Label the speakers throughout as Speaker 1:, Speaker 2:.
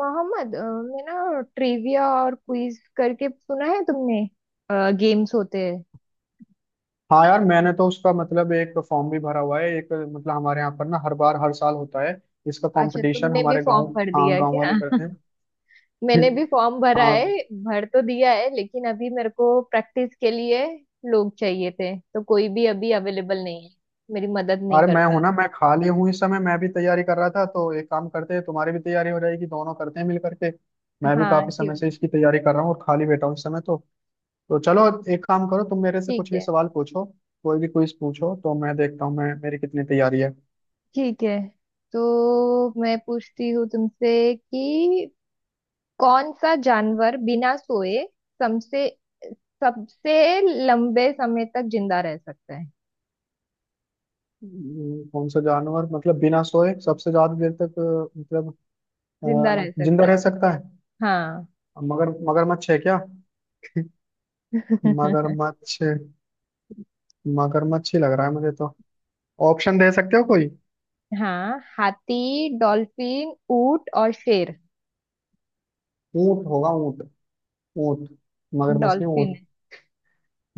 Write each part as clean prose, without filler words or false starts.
Speaker 1: मोहम्मद मैं ना ट्रिविया और क्विज करके सुना है तुमने। गेम्स होते हैं।
Speaker 2: हाँ यार, मैंने तो उसका मतलब एक फॉर्म भी भरा हुआ है। एक मतलब हमारे यहाँ पर ना हर बार हर साल होता है इसका
Speaker 1: अच्छा
Speaker 2: कंपटीशन
Speaker 1: तुमने भी
Speaker 2: हमारे गांव।
Speaker 1: फॉर्म भर दिया
Speaker 2: हाँ,
Speaker 1: है
Speaker 2: गांव
Speaker 1: क्या?
Speaker 2: वाले करते हैं।
Speaker 1: मैंने भी फॉर्म भरा
Speaker 2: हाँ।
Speaker 1: है। भर तो दिया है लेकिन अभी मेरे को प्रैक्टिस के लिए लोग चाहिए थे तो कोई भी अभी अवेलेबल नहीं है। मेरी मदद नहीं
Speaker 2: अरे
Speaker 1: कर
Speaker 2: मैं
Speaker 1: पा
Speaker 2: हूं ना, मैं खाली हूँ इस समय, मैं भी तैयारी कर रहा था। तो एक काम करते हैं, तुम्हारी भी तैयारी हो जाएगी, दोनों करते हैं मिल करके। मैं भी
Speaker 1: रहा। हाँ,
Speaker 2: काफी
Speaker 1: क्यों
Speaker 2: समय से
Speaker 1: नहीं।
Speaker 2: इसकी तैयारी कर रहा हूँ और खाली बैठा हूँ इस समय तो। तो चलो, एक काम करो, तुम मेरे से
Speaker 1: ठीक
Speaker 2: कुछ भी
Speaker 1: है।
Speaker 2: सवाल पूछो। कोई भी क्विज पूछो तो मैं देखता हूँ मैं मेरी कितनी तैयारी है।
Speaker 1: ठीक है। तो मैं पूछती हूँ तुमसे कि कौन सा जानवर बिना सोए सबसे सबसे लंबे समय तक जिंदा रह सकता है?
Speaker 2: कौन सा जानवर मतलब बिना सोए सबसे ज्यादा देर तक मतलब
Speaker 1: जिंदा रह
Speaker 2: जिंदा
Speaker 1: सकता
Speaker 2: रह
Speaker 1: है।
Speaker 2: सकता है।
Speaker 1: हाँ।
Speaker 2: मगरमच्छ है क्या। मगरमच्छ, मगरमच्छ ही लग रहा है मुझे तो। ऑप्शन दे सकते हो कोई।
Speaker 1: हाँ, हाथी, डॉल्फिन, ऊंट और शेर।
Speaker 2: ऊंट होगा, ऊंट। ऊंट। मगरमच्छ नहीं,
Speaker 1: डॉल्फिन
Speaker 2: ऊंट।
Speaker 1: है।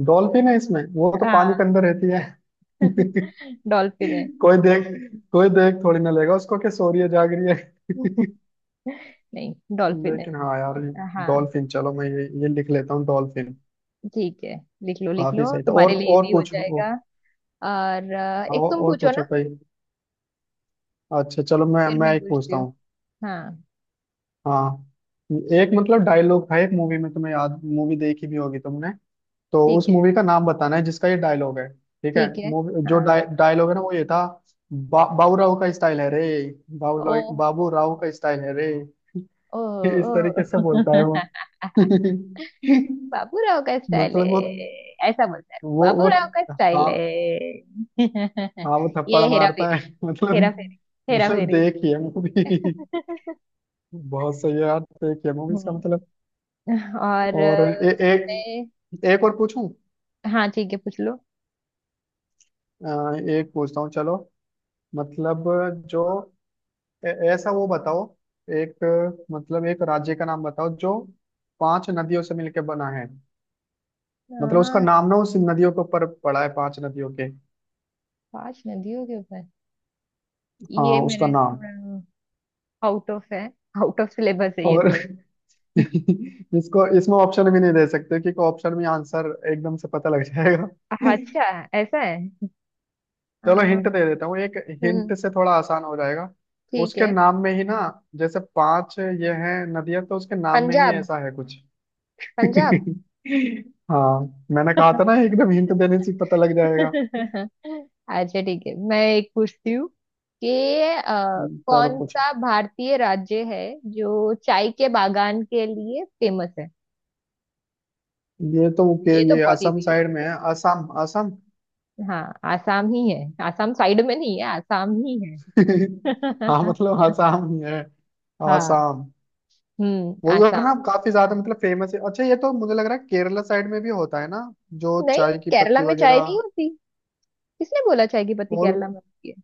Speaker 2: डॉल्फिन है इसमें? वो तो
Speaker 1: हाँ,
Speaker 2: पानी के अंदर रहती है।
Speaker 1: डॉल्फिन है।
Speaker 2: कोई देख, कोई देख थोड़ी ना लेगा उसको कि सो रही है जाग रही है।
Speaker 1: नहीं, डॉल्फिन
Speaker 2: लेकिन
Speaker 1: है।
Speaker 2: हाँ यार,
Speaker 1: हाँ
Speaker 2: डॉल्फिन। चलो मैं ये लिख लेता हूँ, डॉल्फिन।
Speaker 1: ठीक है। लिख लो लिख लो,
Speaker 2: काफी सही था।
Speaker 1: तुम्हारे लिए
Speaker 2: और
Speaker 1: भी हो
Speaker 2: पूछो
Speaker 1: जाएगा। और एक तुम
Speaker 2: और
Speaker 1: पूछो
Speaker 2: पूछो
Speaker 1: ना।
Speaker 2: कोई। अच्छा चलो, मैं
Speaker 1: फिर
Speaker 2: मैं
Speaker 1: मैं
Speaker 2: एक
Speaker 1: पूछती
Speaker 2: पूछता
Speaker 1: हूँ।
Speaker 2: हूँ।
Speaker 1: हाँ।
Speaker 2: हाँ, एक मतलब डायलॉग था एक मूवी में, तुम्हें याद मूवी देखी भी होगी तुमने। तो
Speaker 1: ठीक
Speaker 2: उस
Speaker 1: है।
Speaker 2: मूवी का नाम बताना है जिसका ये डायलॉग है। ठीक है,
Speaker 1: ठीक है।
Speaker 2: मूवी जो
Speaker 1: हाँ।
Speaker 2: डायलॉग है ना वो ये था। बाबू राव का स्टाइल है रे। बाबू राव,
Speaker 1: ओह।
Speaker 2: बाबू राव का स्टाइल है रे। इस तरीके
Speaker 1: ओ।
Speaker 2: से बोलता है वो।
Speaker 1: बाबूराव का स्टाइल है।
Speaker 2: मतलब वो।
Speaker 1: ऐसा बोलता है,
Speaker 2: वो
Speaker 1: बाबूराव का स्टाइल
Speaker 2: हाँ।
Speaker 1: है।
Speaker 2: हाँ, वो थप्पड़
Speaker 1: ये हेरा
Speaker 2: मारता है।
Speaker 1: फेरी।
Speaker 2: मतलब,
Speaker 1: हेरा फेरी। हेरा
Speaker 2: मतलब
Speaker 1: फेरी।
Speaker 2: देखिए मूवी। बहुत सही है यार, देखिए मूवी इसका
Speaker 1: हम्म।
Speaker 2: मतलब।
Speaker 1: और
Speaker 2: और एक,
Speaker 1: मैं।
Speaker 2: एक और पूछूं?
Speaker 1: हाँ ठीक है, पूछ लो।
Speaker 2: एक पूछता हूँ चलो। मतलब जो ऐसा वो बताओ, एक मतलब एक राज्य का नाम बताओ जो पांच नदियों से मिलकर बना है। मतलब उसका
Speaker 1: हाँ,
Speaker 2: नाम ना उस नदियों के ऊपर पड़ा है, 5 नदियों के।
Speaker 1: पांच नदियों के ऊपर। ये
Speaker 2: हाँ उसका
Speaker 1: मैंने
Speaker 2: नाम।
Speaker 1: थोड़ा आउट ऑफ है आउट ऑफ सिलेबस है ये
Speaker 2: और
Speaker 1: थोड़ा।
Speaker 2: इसको इसमें ऑप्शन भी नहीं दे सकते क्योंकि ऑप्शन में आंसर एकदम से पता लग जाएगा।
Speaker 1: अच्छा। ऐसा है। अ,
Speaker 2: चलो हिंट दे देता हूँ एक। हिंट
Speaker 1: हम्म।
Speaker 2: से थोड़ा आसान हो जाएगा।
Speaker 1: ठीक
Speaker 2: उसके
Speaker 1: है।
Speaker 2: नाम में ही ना, जैसे 5 ये हैं नदियां, तो उसके नाम में ही
Speaker 1: पंजाब।
Speaker 2: ऐसा है कुछ।
Speaker 1: पंजाब।
Speaker 2: हाँ, मैंने कहा था ना एकदम हिंट देने से पता लग जाएगा।
Speaker 1: अच्छा ठीक है, मैं एक पूछती हूँ कि
Speaker 2: चलो
Speaker 1: कौन
Speaker 2: पूछ।
Speaker 1: सा भारतीय राज्य है जो चाय के बागान के लिए फेमस है?
Speaker 2: ये तो के
Speaker 1: ये तो
Speaker 2: ये
Speaker 1: बहुत
Speaker 2: असम
Speaker 1: इजी है।
Speaker 2: साइड में है, असम। असम।
Speaker 1: हाँ, आसाम ही है। आसाम साइड में नहीं है, आसाम ही
Speaker 2: हाँ,
Speaker 1: है।
Speaker 2: मतलब असम ही है।
Speaker 1: हाँ।
Speaker 2: असम।
Speaker 1: हम्म,
Speaker 2: वो उधर
Speaker 1: आसाम।
Speaker 2: ना काफी ज्यादा मतलब फेमस है। अच्छा ये तो मुझे लग रहा है केरला साइड में भी होता है ना, जो
Speaker 1: नहीं,
Speaker 2: चाय की
Speaker 1: केरला
Speaker 2: पत्ती
Speaker 1: में चाय नहीं
Speaker 2: वगैरह।
Speaker 1: होती। किसने बोला चाय की पत्ती
Speaker 2: और
Speaker 1: केरला में होती है?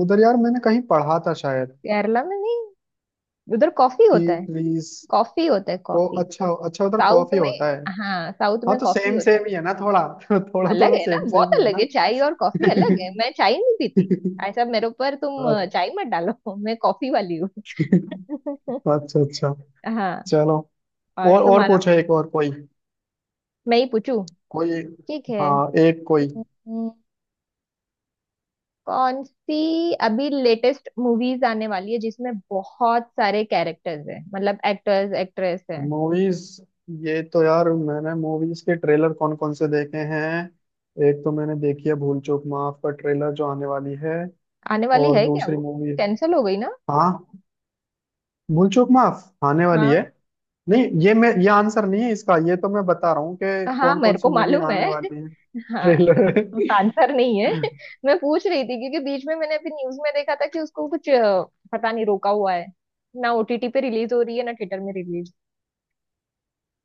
Speaker 2: उधर यार मैंने कहीं पढ़ा था शायद।
Speaker 1: केरला में नहीं, उधर कॉफी
Speaker 2: टी
Speaker 1: होता है।
Speaker 2: प्लीज।
Speaker 1: कॉफी होता है,
Speaker 2: को
Speaker 1: कॉफी।
Speaker 2: अच्छा अच्छा, उधर
Speaker 1: साउथ
Speaker 2: कॉफी
Speaker 1: में।
Speaker 2: होता है।
Speaker 1: हाँ, साउथ
Speaker 2: हाँ
Speaker 1: में
Speaker 2: तो
Speaker 1: कॉफी
Speaker 2: सेम
Speaker 1: होता है।
Speaker 2: सेम ही है ना थोड़ा। थोड़ा
Speaker 1: अलग
Speaker 2: थोड़ा
Speaker 1: है ना,
Speaker 2: सेम
Speaker 1: बहुत
Speaker 2: सेम ही है
Speaker 1: अलग है
Speaker 2: ना।
Speaker 1: चाय और कॉफी, अलग है। मैं चाय नहीं पीती। ऐसा मेरे ऊपर तुम
Speaker 2: अच्छा
Speaker 1: चाय मत डालो। मैं कॉफी वाली हूँ।
Speaker 2: अच्छा अच्छा।
Speaker 1: हाँ।
Speaker 2: चलो।
Speaker 1: और
Speaker 2: और
Speaker 1: तुम्हारा।
Speaker 2: पूछो एक और कोई,
Speaker 1: मैं ही पूछू।
Speaker 2: कोई।
Speaker 1: ठीक है।
Speaker 2: हाँ, एक कोई।
Speaker 1: हम्म, कौन सी अभी लेटेस्ट मूवीज आने वाली है जिसमें बहुत सारे कैरेक्टर्स हैं, मतलब एक्टर्स एक्ट्रेस हैं?
Speaker 2: मूवीज? ये तो यार, मैंने मूवीज के ट्रेलर कौन कौन से देखे हैं। एक तो मैंने देखी है भूल चूक माफ का ट्रेलर जो आने वाली है।
Speaker 1: आने वाली
Speaker 2: और
Speaker 1: है क्या
Speaker 2: दूसरी
Speaker 1: वो,
Speaker 2: मूवी है।
Speaker 1: कैंसिल हो गई ना?
Speaker 2: हाँ, भूलचूक माफ आने वाली है।
Speaker 1: हाँ।
Speaker 2: नहीं ये मैं ये आंसर नहीं है इसका, ये तो मैं बता रहा हूँ कि
Speaker 1: हाँ
Speaker 2: कौन कौन
Speaker 1: मेरे
Speaker 2: सी
Speaker 1: को
Speaker 2: मूवी
Speaker 1: मालूम
Speaker 2: आने
Speaker 1: है।
Speaker 2: वाली है,
Speaker 1: हाँ।
Speaker 2: ट्रेलर।
Speaker 1: आंसर नहीं है। मैं पूछ रही थी क्योंकि बीच में मैंने अभी न्यूज में देखा था कि उसको कुछ पता नहीं, रोका हुआ है। ना ओटीटी पे रिलीज हो रही है, ना थिएटर में रिलीज।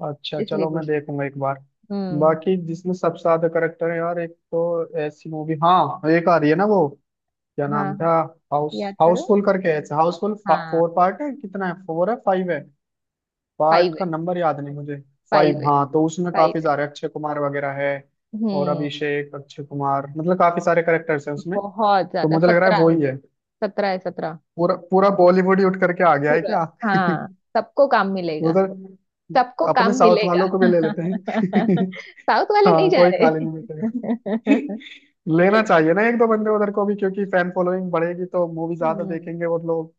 Speaker 2: अच्छा
Speaker 1: इसलिए
Speaker 2: चलो मैं
Speaker 1: पूछ रही
Speaker 2: देखूंगा एक बार।
Speaker 1: थी। हम्म।
Speaker 2: बाकी जिसमें सबसे ज्यादा करेक्टर है यार, एक तो ऐसी मूवी हाँ एक आ रही है ना वो, क्या
Speaker 1: हाँ।
Speaker 2: नाम
Speaker 1: हाँ।
Speaker 2: था।
Speaker 1: याद करो।
Speaker 2: हाउसफुल करके है, हाउसफुल
Speaker 1: हाँ।
Speaker 2: 4। पार्ट है कितना है, 4 है 5 है? पार्ट
Speaker 1: फाइव है।
Speaker 2: का नंबर याद नहीं मुझे।
Speaker 1: फाइव
Speaker 2: 5,
Speaker 1: है।
Speaker 2: हाँ तो उसमें
Speaker 1: फाइव
Speaker 2: काफी
Speaker 1: है।
Speaker 2: सारे अक्षय कुमार वगैरह है। और
Speaker 1: हम्म।
Speaker 2: अभिषेक, अक्षय कुमार, मतलब काफी सारे करेक्टर्स हैं उसमें। तो
Speaker 1: बहुत ज्यादा,
Speaker 2: मुझे लग रहा है
Speaker 1: सत्रह।
Speaker 2: वो ही है।
Speaker 1: सत्रह है, सत्रह।
Speaker 2: पूरा पूरा बॉलीवुड ही उठ करके आ गया है
Speaker 1: पूरा।
Speaker 2: क्या।
Speaker 1: हाँ, सबको काम मिलेगा।
Speaker 2: उधर
Speaker 1: सबको
Speaker 2: अपने
Speaker 1: काम
Speaker 2: साउथ
Speaker 1: मिलेगा।
Speaker 2: वालों को भी ले लेते हैं।
Speaker 1: साउथ वाले नहीं
Speaker 2: हाँ,
Speaker 1: जा
Speaker 2: कोई खाली नहीं बैठेगा।
Speaker 1: रहे।
Speaker 2: लेना चाहिए ना एक दो बंदे उधर को भी, क्योंकि फैन फॉलोइंग बढ़ेगी तो मूवी ज्यादा
Speaker 1: हम्म।
Speaker 2: देखेंगे और लोग।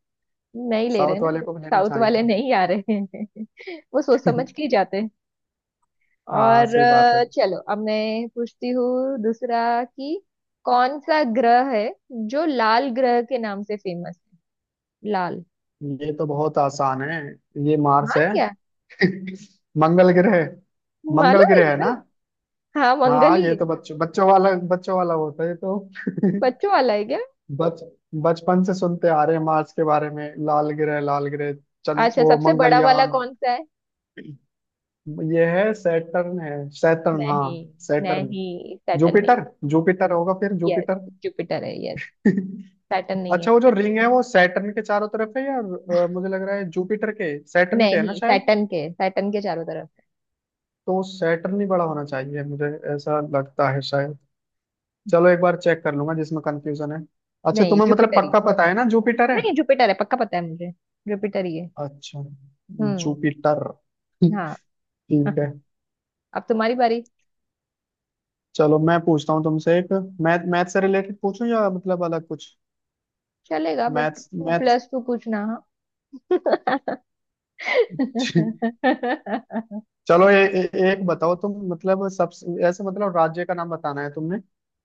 Speaker 1: नहीं ले रहे
Speaker 2: साउथ
Speaker 1: ना।
Speaker 2: वाले को भी लेना
Speaker 1: साउथ
Speaker 2: चाहिए
Speaker 1: वाले
Speaker 2: था।
Speaker 1: नहीं आ रहे हैं। वो सोच समझ के ही जाते हैं।
Speaker 2: हाँ
Speaker 1: और
Speaker 2: सही बात है।
Speaker 1: चलो अब मैं पूछती हूँ दूसरा कि कौन सा ग्रह है जो लाल ग्रह के नाम से फेमस है? लाल।
Speaker 2: ये तो बहुत आसान है, ये मार्स
Speaker 1: हाँ,
Speaker 2: है।
Speaker 1: क्या?
Speaker 2: मंगल ग्रह। मंगल
Speaker 1: मालूम है
Speaker 2: ग्रह है
Speaker 1: तुम्हें?
Speaker 2: ना।
Speaker 1: हाँ, मंगल
Speaker 2: हाँ, ये
Speaker 1: ही है।
Speaker 2: तो बच्चों बच्चों वाला, बच्चों वाला होता है ये तो।
Speaker 1: बच्चों वाला है क्या?
Speaker 2: बच बचपन से सुनते आ रहे हैं मार्स के बारे में, लाल ग्रह, लाल ग्रह। चंद,
Speaker 1: अच्छा,
Speaker 2: वो
Speaker 1: सबसे बड़ा वाला
Speaker 2: मंगलयान।
Speaker 1: कौन सा है?
Speaker 2: ये है, सैटर्न है। सैटर्न, हाँ।
Speaker 1: नहीं।
Speaker 2: सैटर्न।
Speaker 1: नहीं, सैटर्न नहीं।
Speaker 2: जुपिटर। जुपिटर होगा फिर,
Speaker 1: यस।
Speaker 2: जुपिटर।
Speaker 1: जुपिटर है, यस। सैटर्न नहीं है।
Speaker 2: अच्छा वो जो रिंग है वो सैटर्न के चारों तरफ है या मुझे लग रहा है जुपिटर के, सैटर्न के है ना
Speaker 1: नहीं,
Speaker 2: शायद।
Speaker 1: सैटर्न के, सैटर्न के चारों तरफ
Speaker 2: तो सैटर्न ही बड़ा होना चाहिए मुझे ऐसा लगता है शायद।
Speaker 1: है।
Speaker 2: चलो एक बार चेक कर लूंगा जिसमें कंफ्यूजन है। अच्छा
Speaker 1: नहीं,
Speaker 2: तुम्हें मतलब
Speaker 1: जुपिटर ही
Speaker 2: पक्का
Speaker 1: है।
Speaker 2: पता है ना जुपिटर है?
Speaker 1: नहीं, जुपिटर है, पक्का पता है मुझे। जुपिटर ही है।
Speaker 2: अच्छा,
Speaker 1: हम्म।
Speaker 2: जुपिटर।
Speaker 1: हाँ।
Speaker 2: ठीक है।
Speaker 1: अब तुम्हारी बारी।
Speaker 2: चलो मैं पूछता हूँ तुमसे एक। मैथ, मैथ से रिलेटेड पूछूं या मतलब अलग कुछ?
Speaker 1: चलेगा but
Speaker 2: math math.
Speaker 1: Plus two पूछना हाँ।
Speaker 2: चलो ए, ए, एक बताओ तुम, मतलब सबसे ऐसे मतलब राज्य का नाम बताना है तुमने,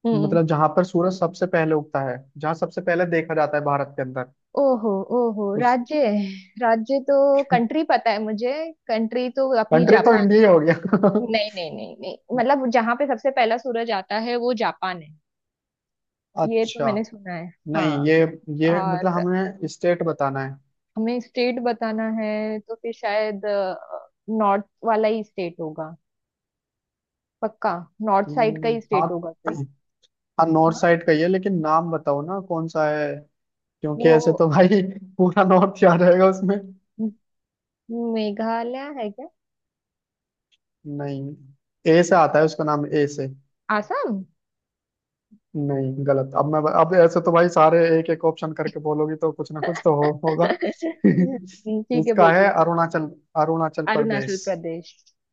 Speaker 1: हम्म।
Speaker 2: मतलब जहां पर सूरज सबसे पहले उगता है, जहां सबसे पहले देखा जाता है भारत के अंदर।
Speaker 1: ओहो। ओहो,
Speaker 2: उस।
Speaker 1: राज्य? राज्य तो, कंट्री पता है मुझे। कंट्री तो अपनी
Speaker 2: कंट्री तो
Speaker 1: जापान है।
Speaker 2: इंडिया ही हो गया।
Speaker 1: नहीं नहीं नहीं नहीं, मतलब जहां पे सबसे पहला सूरज आता है वो जापान है। ये तो
Speaker 2: अच्छा
Speaker 1: मैंने सुना है। हाँ।
Speaker 2: नहीं ये मतलब
Speaker 1: और
Speaker 2: हमें स्टेट बताना है।
Speaker 1: हमें स्टेट बताना है तो फिर शायद नॉर्थ वाला ही स्टेट होगा, पक्का। नॉर्थ साइड का ही
Speaker 2: हाँ।
Speaker 1: स्टेट होगा कोई।
Speaker 2: हाँ नॉर्थ
Speaker 1: हाँ।
Speaker 2: साइड का ही है, लेकिन नाम बताओ ना कौन सा है। क्योंकि ऐसे
Speaker 1: वो
Speaker 2: तो भाई पूरा नॉर्थ याद रहेगा उसमें।
Speaker 1: मेघालय है क्या?
Speaker 2: नहीं। ए से आता है उसका नाम, ए से।
Speaker 1: आसाम।
Speaker 2: नहीं गलत। अब मैं, अब ऐसे तो भाई सारे एक एक ऑप्शन करके बोलोगी तो कुछ ना कुछ तो होगा।
Speaker 1: ठीक है,
Speaker 2: इसका
Speaker 1: बोल
Speaker 2: है
Speaker 1: दो।
Speaker 2: अरुणाचल, अरुणाचल
Speaker 1: अरुणाचल
Speaker 2: प्रदेश।
Speaker 1: प्रदेश।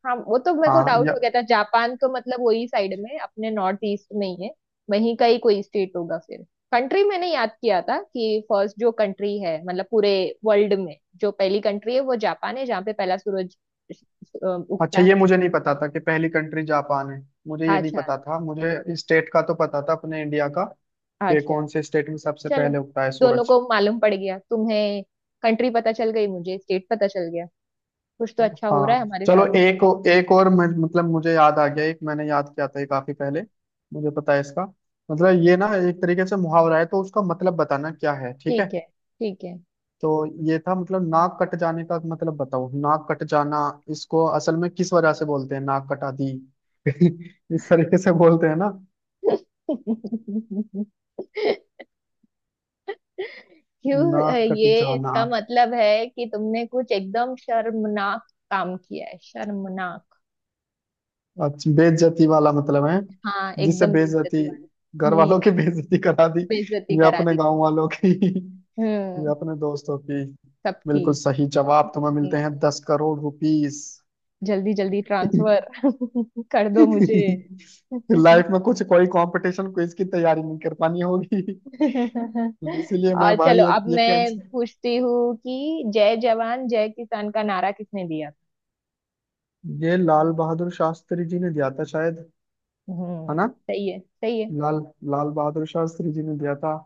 Speaker 1: हाँ, वो तो मेरे को
Speaker 2: हाँ
Speaker 1: डाउट
Speaker 2: या।
Speaker 1: हो गया था। जापान तो मतलब वही साइड में, अपने नॉर्थ ईस्ट में ही है। वहीं का ही कोई स्टेट होगा फिर। कंट्री मैंने याद किया था कि फर्स्ट जो कंट्री है मतलब पूरे वर्ल्ड में जो पहली कंट्री है वो जापान है जहाँ पे पहला सूरज उगता
Speaker 2: अच्छा ये
Speaker 1: है।
Speaker 2: मुझे नहीं पता था कि पहली कंट्री जापान है। मुझे ये नहीं
Speaker 1: अच्छा।
Speaker 2: पता था, मुझे स्टेट का तो पता था अपने इंडिया का, कि
Speaker 1: अच्छा।
Speaker 2: कौन से स्टेट में सबसे
Speaker 1: चलो,
Speaker 2: पहले उगता है
Speaker 1: दोनों
Speaker 2: सूरज।
Speaker 1: को मालूम पड़ गया। तुम्हें कंट्री पता चल गई, मुझे स्टेट पता चल गया। कुछ तो अच्छा हो रहा है
Speaker 2: हाँ।
Speaker 1: हमारे
Speaker 2: चलो
Speaker 1: साथ।
Speaker 2: एक, एक और मतलब मुझे याद आ गया, एक मैंने याद किया था ये काफी पहले। मुझे पता है इसका मतलब। ये ना एक तरीके से मुहावरा है, तो उसका मतलब बताना क्या है, ठीक है।
Speaker 1: ठीक है। ठीक है।
Speaker 2: तो ये था मतलब, नाक कट जाने का मतलब बताओ, नाक कट जाना। इसको असल में किस वजह से बोलते हैं, नाक कटा दी। इस तरीके से बोलते हैं ना।
Speaker 1: क्यों,
Speaker 2: नाक कट
Speaker 1: ये
Speaker 2: जाना।
Speaker 1: इसका मतलब है कि तुमने कुछ एकदम शर्मनाक काम किया है, शर्मनाक।
Speaker 2: अच्छा बेइज्जती वाला मतलब है।
Speaker 1: हाँ,
Speaker 2: जिससे
Speaker 1: एकदम
Speaker 2: बेइज्जती,
Speaker 1: बेइज्जती वाला।
Speaker 2: घर
Speaker 1: हम्म।
Speaker 2: वालों की बेइज्जती करा दी।
Speaker 1: बेइज्जती
Speaker 2: या
Speaker 1: करा
Speaker 2: अपने
Speaker 1: दी थी।
Speaker 2: गांव वालों की ये
Speaker 1: हम्म।
Speaker 2: अपने दोस्तों की।
Speaker 1: सबकी।
Speaker 2: बिल्कुल सही जवाब, तुम्हें मिलते हैं
Speaker 1: हम्म।
Speaker 2: 10 करोड़ रुपीस।
Speaker 1: जल्दी जल्दी ट्रांसफर कर दो मुझे।
Speaker 2: लाइफ में कुछ कोई कंपटीशन क्विज की तैयारी नहीं कर पानी होगी। इसीलिए मैं
Speaker 1: और चलो
Speaker 2: भाई, एक
Speaker 1: अब
Speaker 2: ये
Speaker 1: मैं
Speaker 2: कैंसर।
Speaker 1: पूछती हूँ कि जय जवान जय किसान का नारा किसने दिया था?
Speaker 2: ये लाल बहादुर शास्त्री जी ने दिया था शायद। है
Speaker 1: हम्म।
Speaker 2: ना।
Speaker 1: सही है, सही है।
Speaker 2: लाल, लाल बहादुर शास्त्री जी ने दिया था।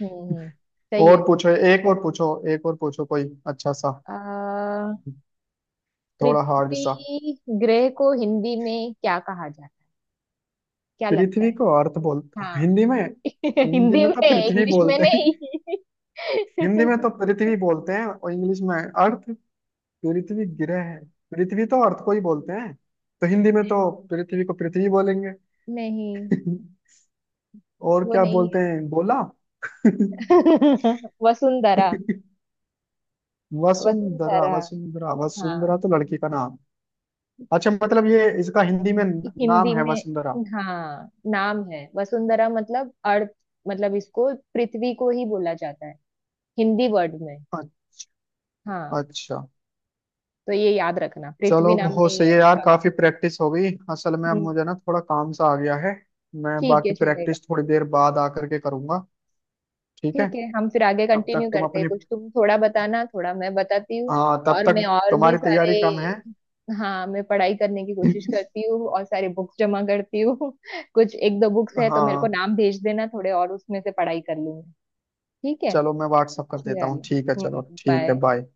Speaker 1: हम्म। सही
Speaker 2: और
Speaker 1: है।
Speaker 2: पूछो, एक और पूछो। एक और पूछो कोई अच्छा सा,
Speaker 1: आ,
Speaker 2: थोड़ा हार्ड सा।
Speaker 1: पृथ्वी ग्रह को हिंदी में क्या कहा जाता है? क्या लगता
Speaker 2: पृथ्वी
Speaker 1: है?
Speaker 2: को अर्थ बोल,
Speaker 1: हाँ।
Speaker 2: हिंदी में। हिंदी
Speaker 1: हिंदी
Speaker 2: में तो
Speaker 1: में,
Speaker 2: पृथ्वी
Speaker 1: इंग्लिश में
Speaker 2: बोलते हैं।
Speaker 1: नहीं।
Speaker 2: हिंदी में तो पृथ्वी बोलते हैं और इंग्लिश में अर्थ। पृथ्वी ग्रह है, पृथ्वी तो अर्थ को ही बोलते हैं। तो हिंदी में तो पृथ्वी को पृथ्वी बोलेंगे।
Speaker 1: नहीं,
Speaker 2: और
Speaker 1: वो
Speaker 2: क्या
Speaker 1: नहीं
Speaker 2: बोलते हैं बोला।
Speaker 1: है। वसुंधरा।
Speaker 2: वसुंधरा,
Speaker 1: वसुंधरा।
Speaker 2: वसुंधरा। वसुंधरा
Speaker 1: हाँ,
Speaker 2: तो लड़की का नाम। अच्छा मतलब ये इसका हिंदी में नाम
Speaker 1: हिंदी
Speaker 2: है वसुंधरा।
Speaker 1: में हाँ नाम है वसुंधरा मतलब अर्थ। मतलब इसको पृथ्वी को ही बोला जाता है हिंदी वर्ड में।
Speaker 2: अ-
Speaker 1: हाँ,
Speaker 2: अच्छा।
Speaker 1: तो ये याद रखना, पृथ्वी
Speaker 2: चलो
Speaker 1: नाम
Speaker 2: बहुत
Speaker 1: नहीं
Speaker 2: सही
Speaker 1: है
Speaker 2: है यार,
Speaker 1: उसका।
Speaker 2: काफी प्रैक्टिस हो गई, असल में अब
Speaker 1: हम्म।
Speaker 2: मुझे ना थोड़ा काम सा आ गया है। मैं
Speaker 1: ठीक है,
Speaker 2: बाकी
Speaker 1: चलेगा।
Speaker 2: प्रैक्टिस थोड़ी देर बाद आकर के करूंगा। ठीक है।
Speaker 1: ठीक है। हम फिर आगे
Speaker 2: तब तक
Speaker 1: कंटिन्यू
Speaker 2: तुम
Speaker 1: करते हैं,
Speaker 2: अपनी,
Speaker 1: कुछ तुम थोड़ा बताना, थोड़ा मैं बताती हूँ।
Speaker 2: हाँ तब
Speaker 1: और
Speaker 2: तक
Speaker 1: मैं और भी
Speaker 2: तुम्हारी
Speaker 1: सारे।
Speaker 2: तैयारी कम है।
Speaker 1: हाँ, मैं पढ़ाई करने की कोशिश करती हूँ और सारे बुक्स जमा करती हूँ। कुछ एक दो बुक्स है तो मेरे को
Speaker 2: हाँ।
Speaker 1: नाम भेज देना थोड़े, और उसमें से पढ़ाई कर लूंगी। ठीक है।
Speaker 2: चलो मैं व्हाट्सअप कर देता हूँ,
Speaker 1: चलो।
Speaker 2: ठीक है
Speaker 1: हम्म।
Speaker 2: चलो, ठीक है
Speaker 1: बाय।
Speaker 2: बाय।